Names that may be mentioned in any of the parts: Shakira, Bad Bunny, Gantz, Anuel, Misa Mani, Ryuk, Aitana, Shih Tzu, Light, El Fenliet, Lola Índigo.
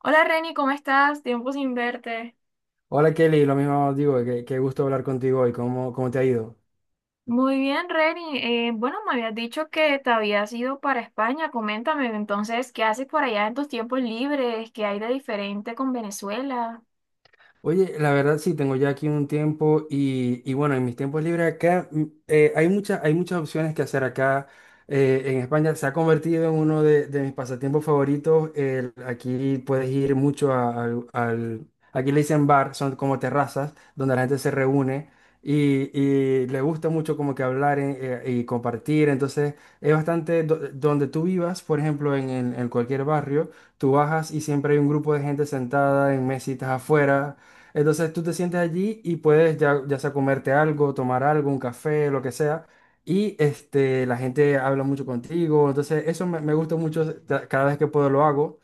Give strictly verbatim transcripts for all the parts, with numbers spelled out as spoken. Hola Reni, ¿cómo estás? Tiempo sin verte. Hola Kelly, lo mismo digo, qué, qué gusto hablar contigo hoy, ¿cómo, cómo te ha ido? Muy bien, Reni. Eh, bueno, me habías dicho que te habías ido para España. Coméntame entonces, ¿qué haces por allá en tus tiempos libres? ¿Qué hay de diferente con Venezuela? Oye, la verdad sí, tengo ya aquí un tiempo y, y bueno, en mis tiempos libres acá mm, eh, hay muchas, hay muchas opciones que hacer acá, eh, en España. Se ha convertido en uno de, de mis pasatiempos favoritos. El- aquí puedes ir mucho a- al, al- aquí le dicen bar, son como terrazas donde la gente se reúne y, y le gusta mucho como que hablar, en- eh, y compartir. Entonces es bastante, do- donde tú vivas, por ejemplo, en en- en cualquier barrio, tú bajas y siempre hay un grupo de gente sentada en mesitas afuera, entonces tú te sientes allí y puedes, ya, ya sea comerte algo, tomar algo, un café, lo que sea. Y este, la gente habla mucho contigo. Entonces eso me, me gusta mucho. ta- Cada vez que puedo lo hago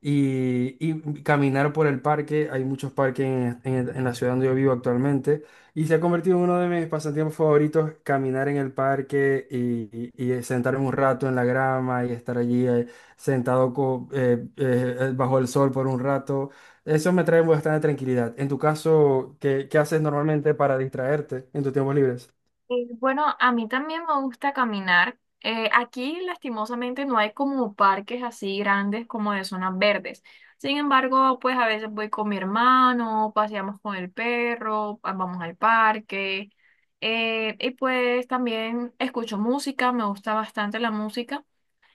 y, y caminar por el parque. Hay muchos parques en, en- en la ciudad donde yo vivo actualmente y se ha convertido en uno de mis pasatiempos favoritos, caminar en el parque y, y- y sentarme un rato en la grama y estar allí, eh, sentado co- eh, eh, bajo el sol por un rato. Eso me trae bastante tranquilidad. En tu caso, ¿qué, qué haces normalmente para distraerte en tus tiempos libres? Eh, Bueno, a mí también me gusta caminar. Eh, aquí, lastimosamente, no hay como parques así grandes como de zonas verdes. Sin embargo, pues a veces voy con mi hermano, paseamos con el perro, ah, vamos al parque. Eh, y pues también escucho música, me gusta bastante la música.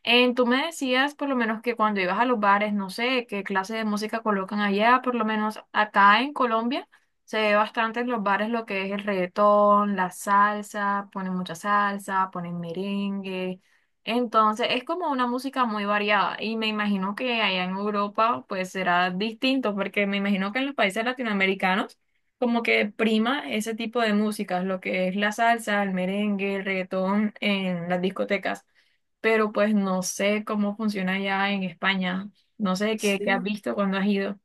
Eh, tú me decías por lo menos que cuando ibas a los bares, no sé qué clase de música colocan allá. Por lo menos acá en Colombia se ve bastante en los bares lo que es el reggaetón, la salsa, ponen mucha salsa, ponen merengue. Entonces es como una música muy variada y me imagino que allá en Europa pues será distinto, porque me imagino que en los países latinoamericanos como que prima ese tipo de músicas, lo que es la salsa, el merengue, el reggaetón en las discotecas, pero pues no sé cómo funciona ya en España. No sé qué, qué has Sí. visto cuando has ido.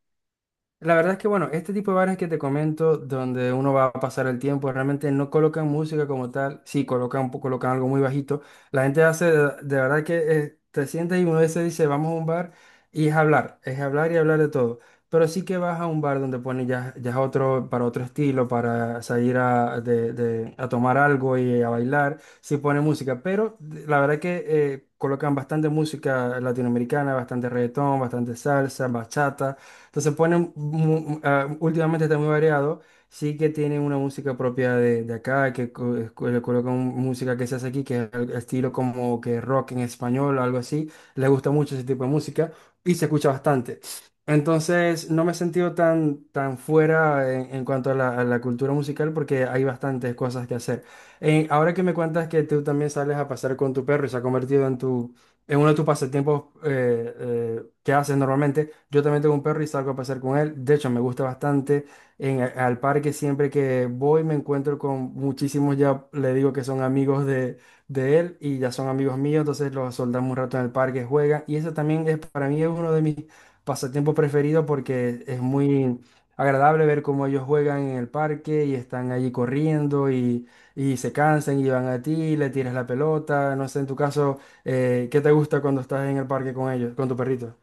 La verdad es que, bueno, este tipo de bares que te comento, donde uno va a pasar el tiempo, realmente no colocan música como tal, sí, colocan, colocan algo muy bajito. La gente hace, de, de verdad que, eh, te sientes y uno se dice, vamos a un bar, y es hablar, es hablar y hablar de todo. Pero sí que vas a un bar donde pone, ya, ya es otro, para otro estilo, para salir a, de- de- a tomar algo y a bailar, sí pone música, pero de- la verdad que, eh, colocan bastante música latinoamericana, bastante reggaetón, bastante salsa, bachata. Entonces ponen, mu- ah, últimamente está muy variado, sí que tienen una música propia de, de acá, que co- es- co- le colocan música que se hace aquí, que es el estilo como que rock en español o algo así, le gusta mucho ese tipo de música y se escucha bastante. Entonces no me he sentido tan, tan fuera en, en cuanto a la, a la cultura musical porque hay bastantes cosas que hacer. Eh, ahora que me cuentas que tú también sales a pasar con tu perro y se ha convertido en tu... en uno de tus pasatiempos, eh, eh, que haces normalmente. Yo también tengo un perro y salgo a pasar con él. De hecho, me gusta bastante. En, al parque siempre que voy me encuentro con muchísimos, ya le digo que son amigos de, de él y ya son amigos míos. Entonces los soldamos un rato en el parque, juegan. Y eso también, es para mí, es uno de mis pasatiempos preferidos porque es muy agradable ver cómo ellos juegan en el parque y están allí corriendo y, y se cansan y van a ti, le tiras la pelota. No sé, en tu caso, eh, ¿qué te gusta cuando estás en el parque con ellos, con tu perrito?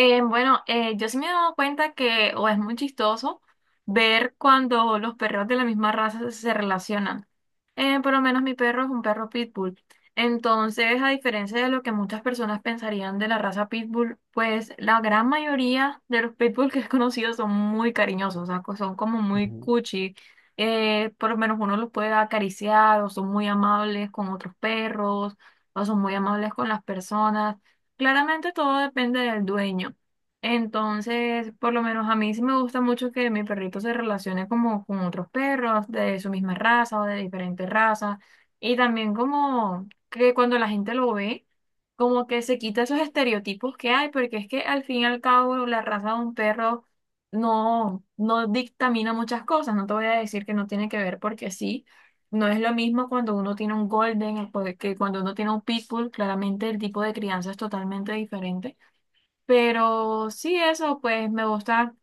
Eh, bueno, eh, yo sí me he dado cuenta que o es muy chistoso ver cuando los perros de la misma raza se relacionan. Eh, por lo menos mi perro es un perro pitbull. Entonces, a diferencia de lo que muchas personas pensarían de la raza pitbull, pues la gran mayoría de los pitbull que he conocido son muy cariñosos, o sea, co- son como muy cuchi. Eh, por lo menos uno los puede acariciar, o son muy amables con otros perros o son muy amables con las personas. Claramente todo depende del dueño. Entonces, por lo menos a mí sí me gusta mucho que mi perrito se relacione como con otros perros de su misma raza o de diferentes razas. Y también como que cuando la gente lo ve, como que se quita esos estereotipos que hay, porque es que al fin y al cabo la raza de un perro no, no dictamina muchas cosas. No te voy a decir que no tiene que ver, porque sí. No es lo mismo cuando uno tiene un golden que cuando uno tiene un pitbull. Claramente el tipo de crianza es totalmente diferente. Pero sí, eso, pues me gusta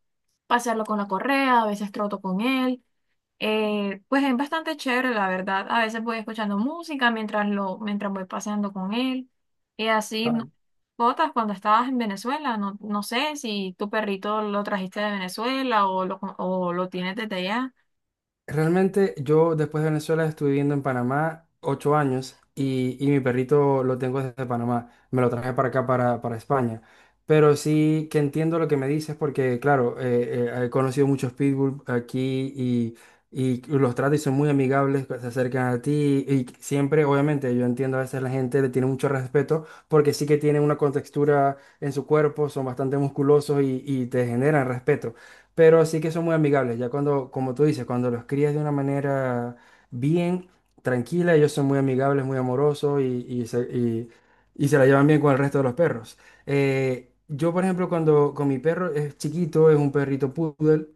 pasearlo con la correa, a veces troto con él. Eh, pues es bastante chévere, la verdad. A veces voy escuchando música mientras lo, mientras voy paseando con él. Y así, ¿no? Ujú. Botas, cuando estabas en Venezuela, no, no sé si tu perrito lo trajiste de Venezuela o lo, o lo tienes desde allá. Realmente yo después de Venezuela estuve viviendo en Panamá ocho años y, y mi perrito lo tengo desde Panamá. Me lo traje para acá, para, para España. Pero sí que entiendo lo que me dices porque, claro, eh, eh, he conocido muchos pitbull aquí y, y los tratos son muy amigables, se acercan a ti y siempre, obviamente, yo entiendo a veces la gente le tiene mucho respeto porque sí que tienen una contextura en su cuerpo, son bastante musculosos y, y te generan respeto, pero sí que son muy amigables. Ya cuando, como tú dices, cuando los crías de una manera bien, tranquila, ellos son muy amigables, muy amorosos y, y se, y- y se la llevan bien con el resto de los perros. Eh, yo, por ejemplo, cuando con mi perro es chiquito, es un perrito poodle,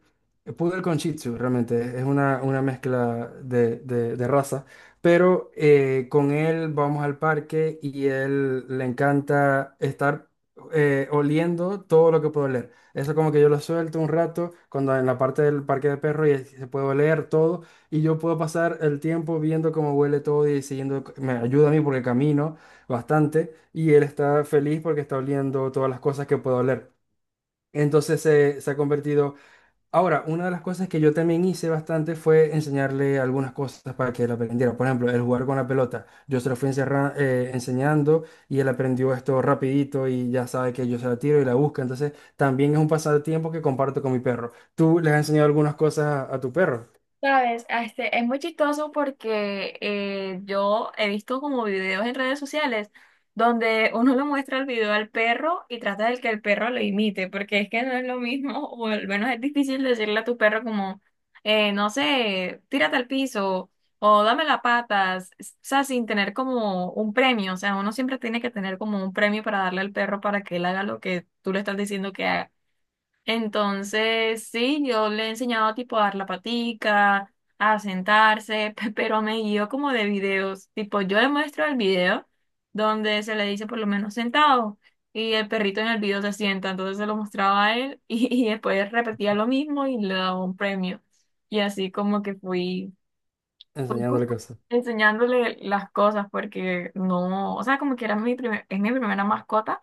eh, poodle con Shih Tzu, realmente es una, una mezcla de, de- de raza. Pero, eh, con él vamos al parque y él le encanta estar, eh, oliendo todo lo que puede oler. Eso como que yo lo suelto un rato cuando en la parte del parque de perros y se puede oler todo y yo puedo pasar el tiempo viendo cómo huele todo y siguiendo, me ayuda a mí porque camino bastante y él está feliz porque está oliendo todas las cosas que puedo oler. Entonces se, se ha convertido. Ahora, una de las cosas que yo también hice bastante fue enseñarle algunas cosas para que él aprendiera. Por ejemplo, el jugar con la pelota. Yo se lo fui encerra- eh, enseñando y él aprendió esto rapidito y ya sabe que yo se la tiro y la busca. Entonces, también es un pasatiempo que comparto con mi perro. ¿Tú le has enseñado algunas cosas a, a tu perro? Sabes, ah, este, es muy chistoso porque eh, yo he visto como videos en redes sociales donde uno le muestra el video al perro y trata de que el perro lo imite, porque es que no es lo mismo, o al menos es difícil decirle a tu perro como, eh, no sé, tírate al piso o dame las patas. O sea, sin tener como un premio. O sea, uno siempre tiene que tener como un premio para darle al perro para que él haga lo que tú le estás diciendo que haga. Entonces, sí, yo le he enseñado tipo a dar la patica, a sentarse, pero me guío como de videos. Tipo, yo le muestro el video donde se le dice por lo menos sentado y el perrito en el video se sienta. Entonces se lo mostraba a él, y, y después repetía lo mismo y le daba un premio. Y así como que fui, fui como Enseñándole cosas. enseñándole las cosas porque no, o sea, como que era mi primer, es mi primera mascota.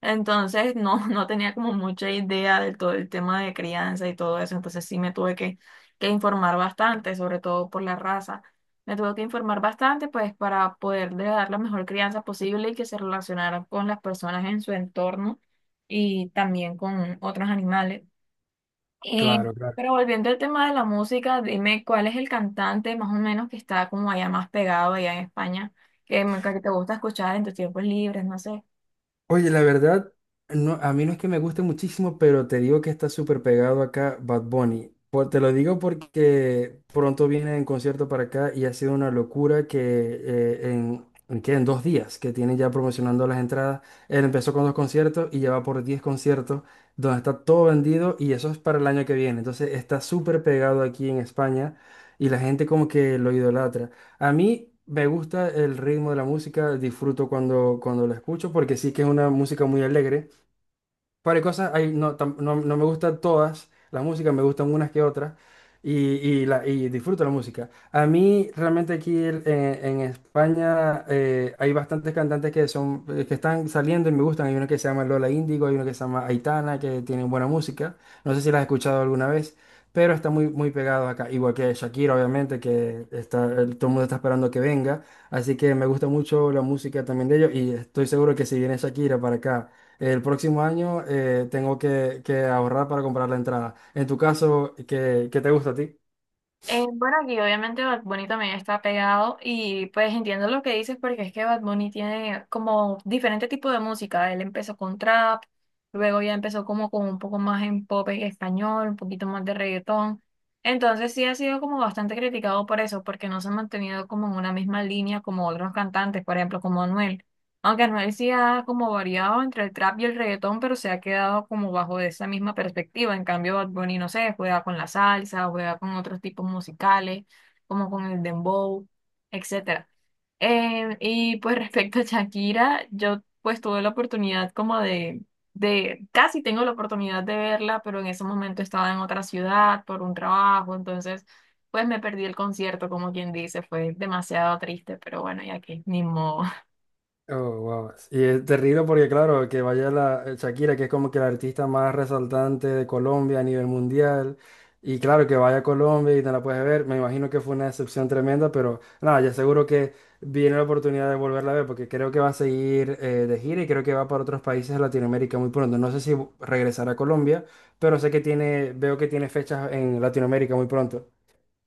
Entonces no, no tenía como mucha idea de todo el tema de crianza y todo eso, entonces sí me tuve que, que informar bastante, sobre todo por la raza. Me tuve que informar bastante pues para poderle dar la mejor crianza posible y que se relacionaran con las personas en su entorno y también con otros animales. Eh, Claro, claro. pero volviendo al tema de la música, dime cuál es el cantante más o menos que está como allá más pegado allá en España, que, me- que te gusta escuchar en tus tiempos libres, no sé. Oye, la verdad, no, a mí no es que me guste muchísimo, pero te digo que está súper pegado acá Bad Bunny. Por- te lo digo porque pronto viene en concierto para acá y ha sido una locura que, eh, en, ¿en qué? En dos días que tienen ya promocionando las entradas. Él empezó con dos conciertos y ya va por diez conciertos donde está todo vendido y eso es para el año que viene. Entonces está súper pegado aquí en España y la gente como que lo idolatra. A mí me gusta el ritmo de la música, disfruto cuando, cuando lo escucho porque sí que es una música muy alegre. Par de cosas, hay, no, tam- no, no me gustan todas las músicas, me gustan unas que otras y, y, la, y disfruto la música. A mí realmente aquí, el- en, en España, eh, hay bastantes cantantes que son, eh, que están saliendo y me gustan. Hay una que se llama Lola Índigo, hay una que se llama Aitana, que tienen buena música. No sé si las has escuchado alguna vez, pero está muy, muy pegado acá. Igual que Shakira, obviamente, que está, el- todo el mundo está esperando que venga. Así que me gusta mucho la música también de ellos y estoy seguro que si viene Shakira para acá el próximo año, eh, tengo que, que ahorrar para comprar la entrada. En tu caso, ¿qué, qué te gusta a ti? Eh, bueno, aquí obviamente Bad Bunny también está pegado y pues entiendo lo que dices porque es que Bad Bunny tiene como diferente tipo de música. Él empezó con trap, luego ya empezó como con un poco más en pop en español, un poquito más de reggaetón. Entonces sí ha sido como bastante criticado por eso, porque no se ha mantenido como en una misma línea como otros cantantes, por ejemplo, como Anuel. Aunque Anuel sí ha como variado entre el trap y el reggaetón, pero se ha quedado como bajo esa misma perspectiva. En cambio, Bad Bunny, no sé, juega con la salsa, juega con otros tipos musicales, como con el dembow, etcétera. Eh, y pues respecto a Shakira, yo pues tuve la oportunidad como de, de, casi tengo la oportunidad de verla, pero en ese momento estaba en otra ciudad por un trabajo, entonces pues me perdí el concierto, como quien dice, fue demasiado triste, pero bueno, ya que ni modo. Oh, wow. Y es terrible porque, claro, que vaya la, eh, Shakira, que es como que la artista más resaltante de Colombia a nivel mundial. Y claro, que vaya a Colombia y no la puedes ver. Me imagino que fue una decepción tremenda, pero nada, ya seguro que viene la oportunidad de volverla a ver porque creo que va a seguir, eh, de gira y creo que va para otros países de Latinoamérica muy pronto. No sé si regresará a Colombia, pero sé que tiene, veo que tiene fechas en Latinoamérica muy pronto.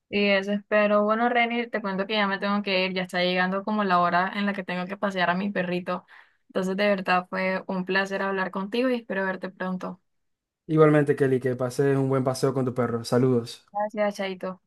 Y eso espero. Bueno, Reni, te cuento que ya me tengo que ir, ya está llegando como la hora en la que tengo que pasear a mi perrito. Entonces, de verdad fue un placer hablar contigo y espero verte pronto. Igualmente, Kelly, que pases un buen paseo con tu perro. Saludos. Gracias, chaito.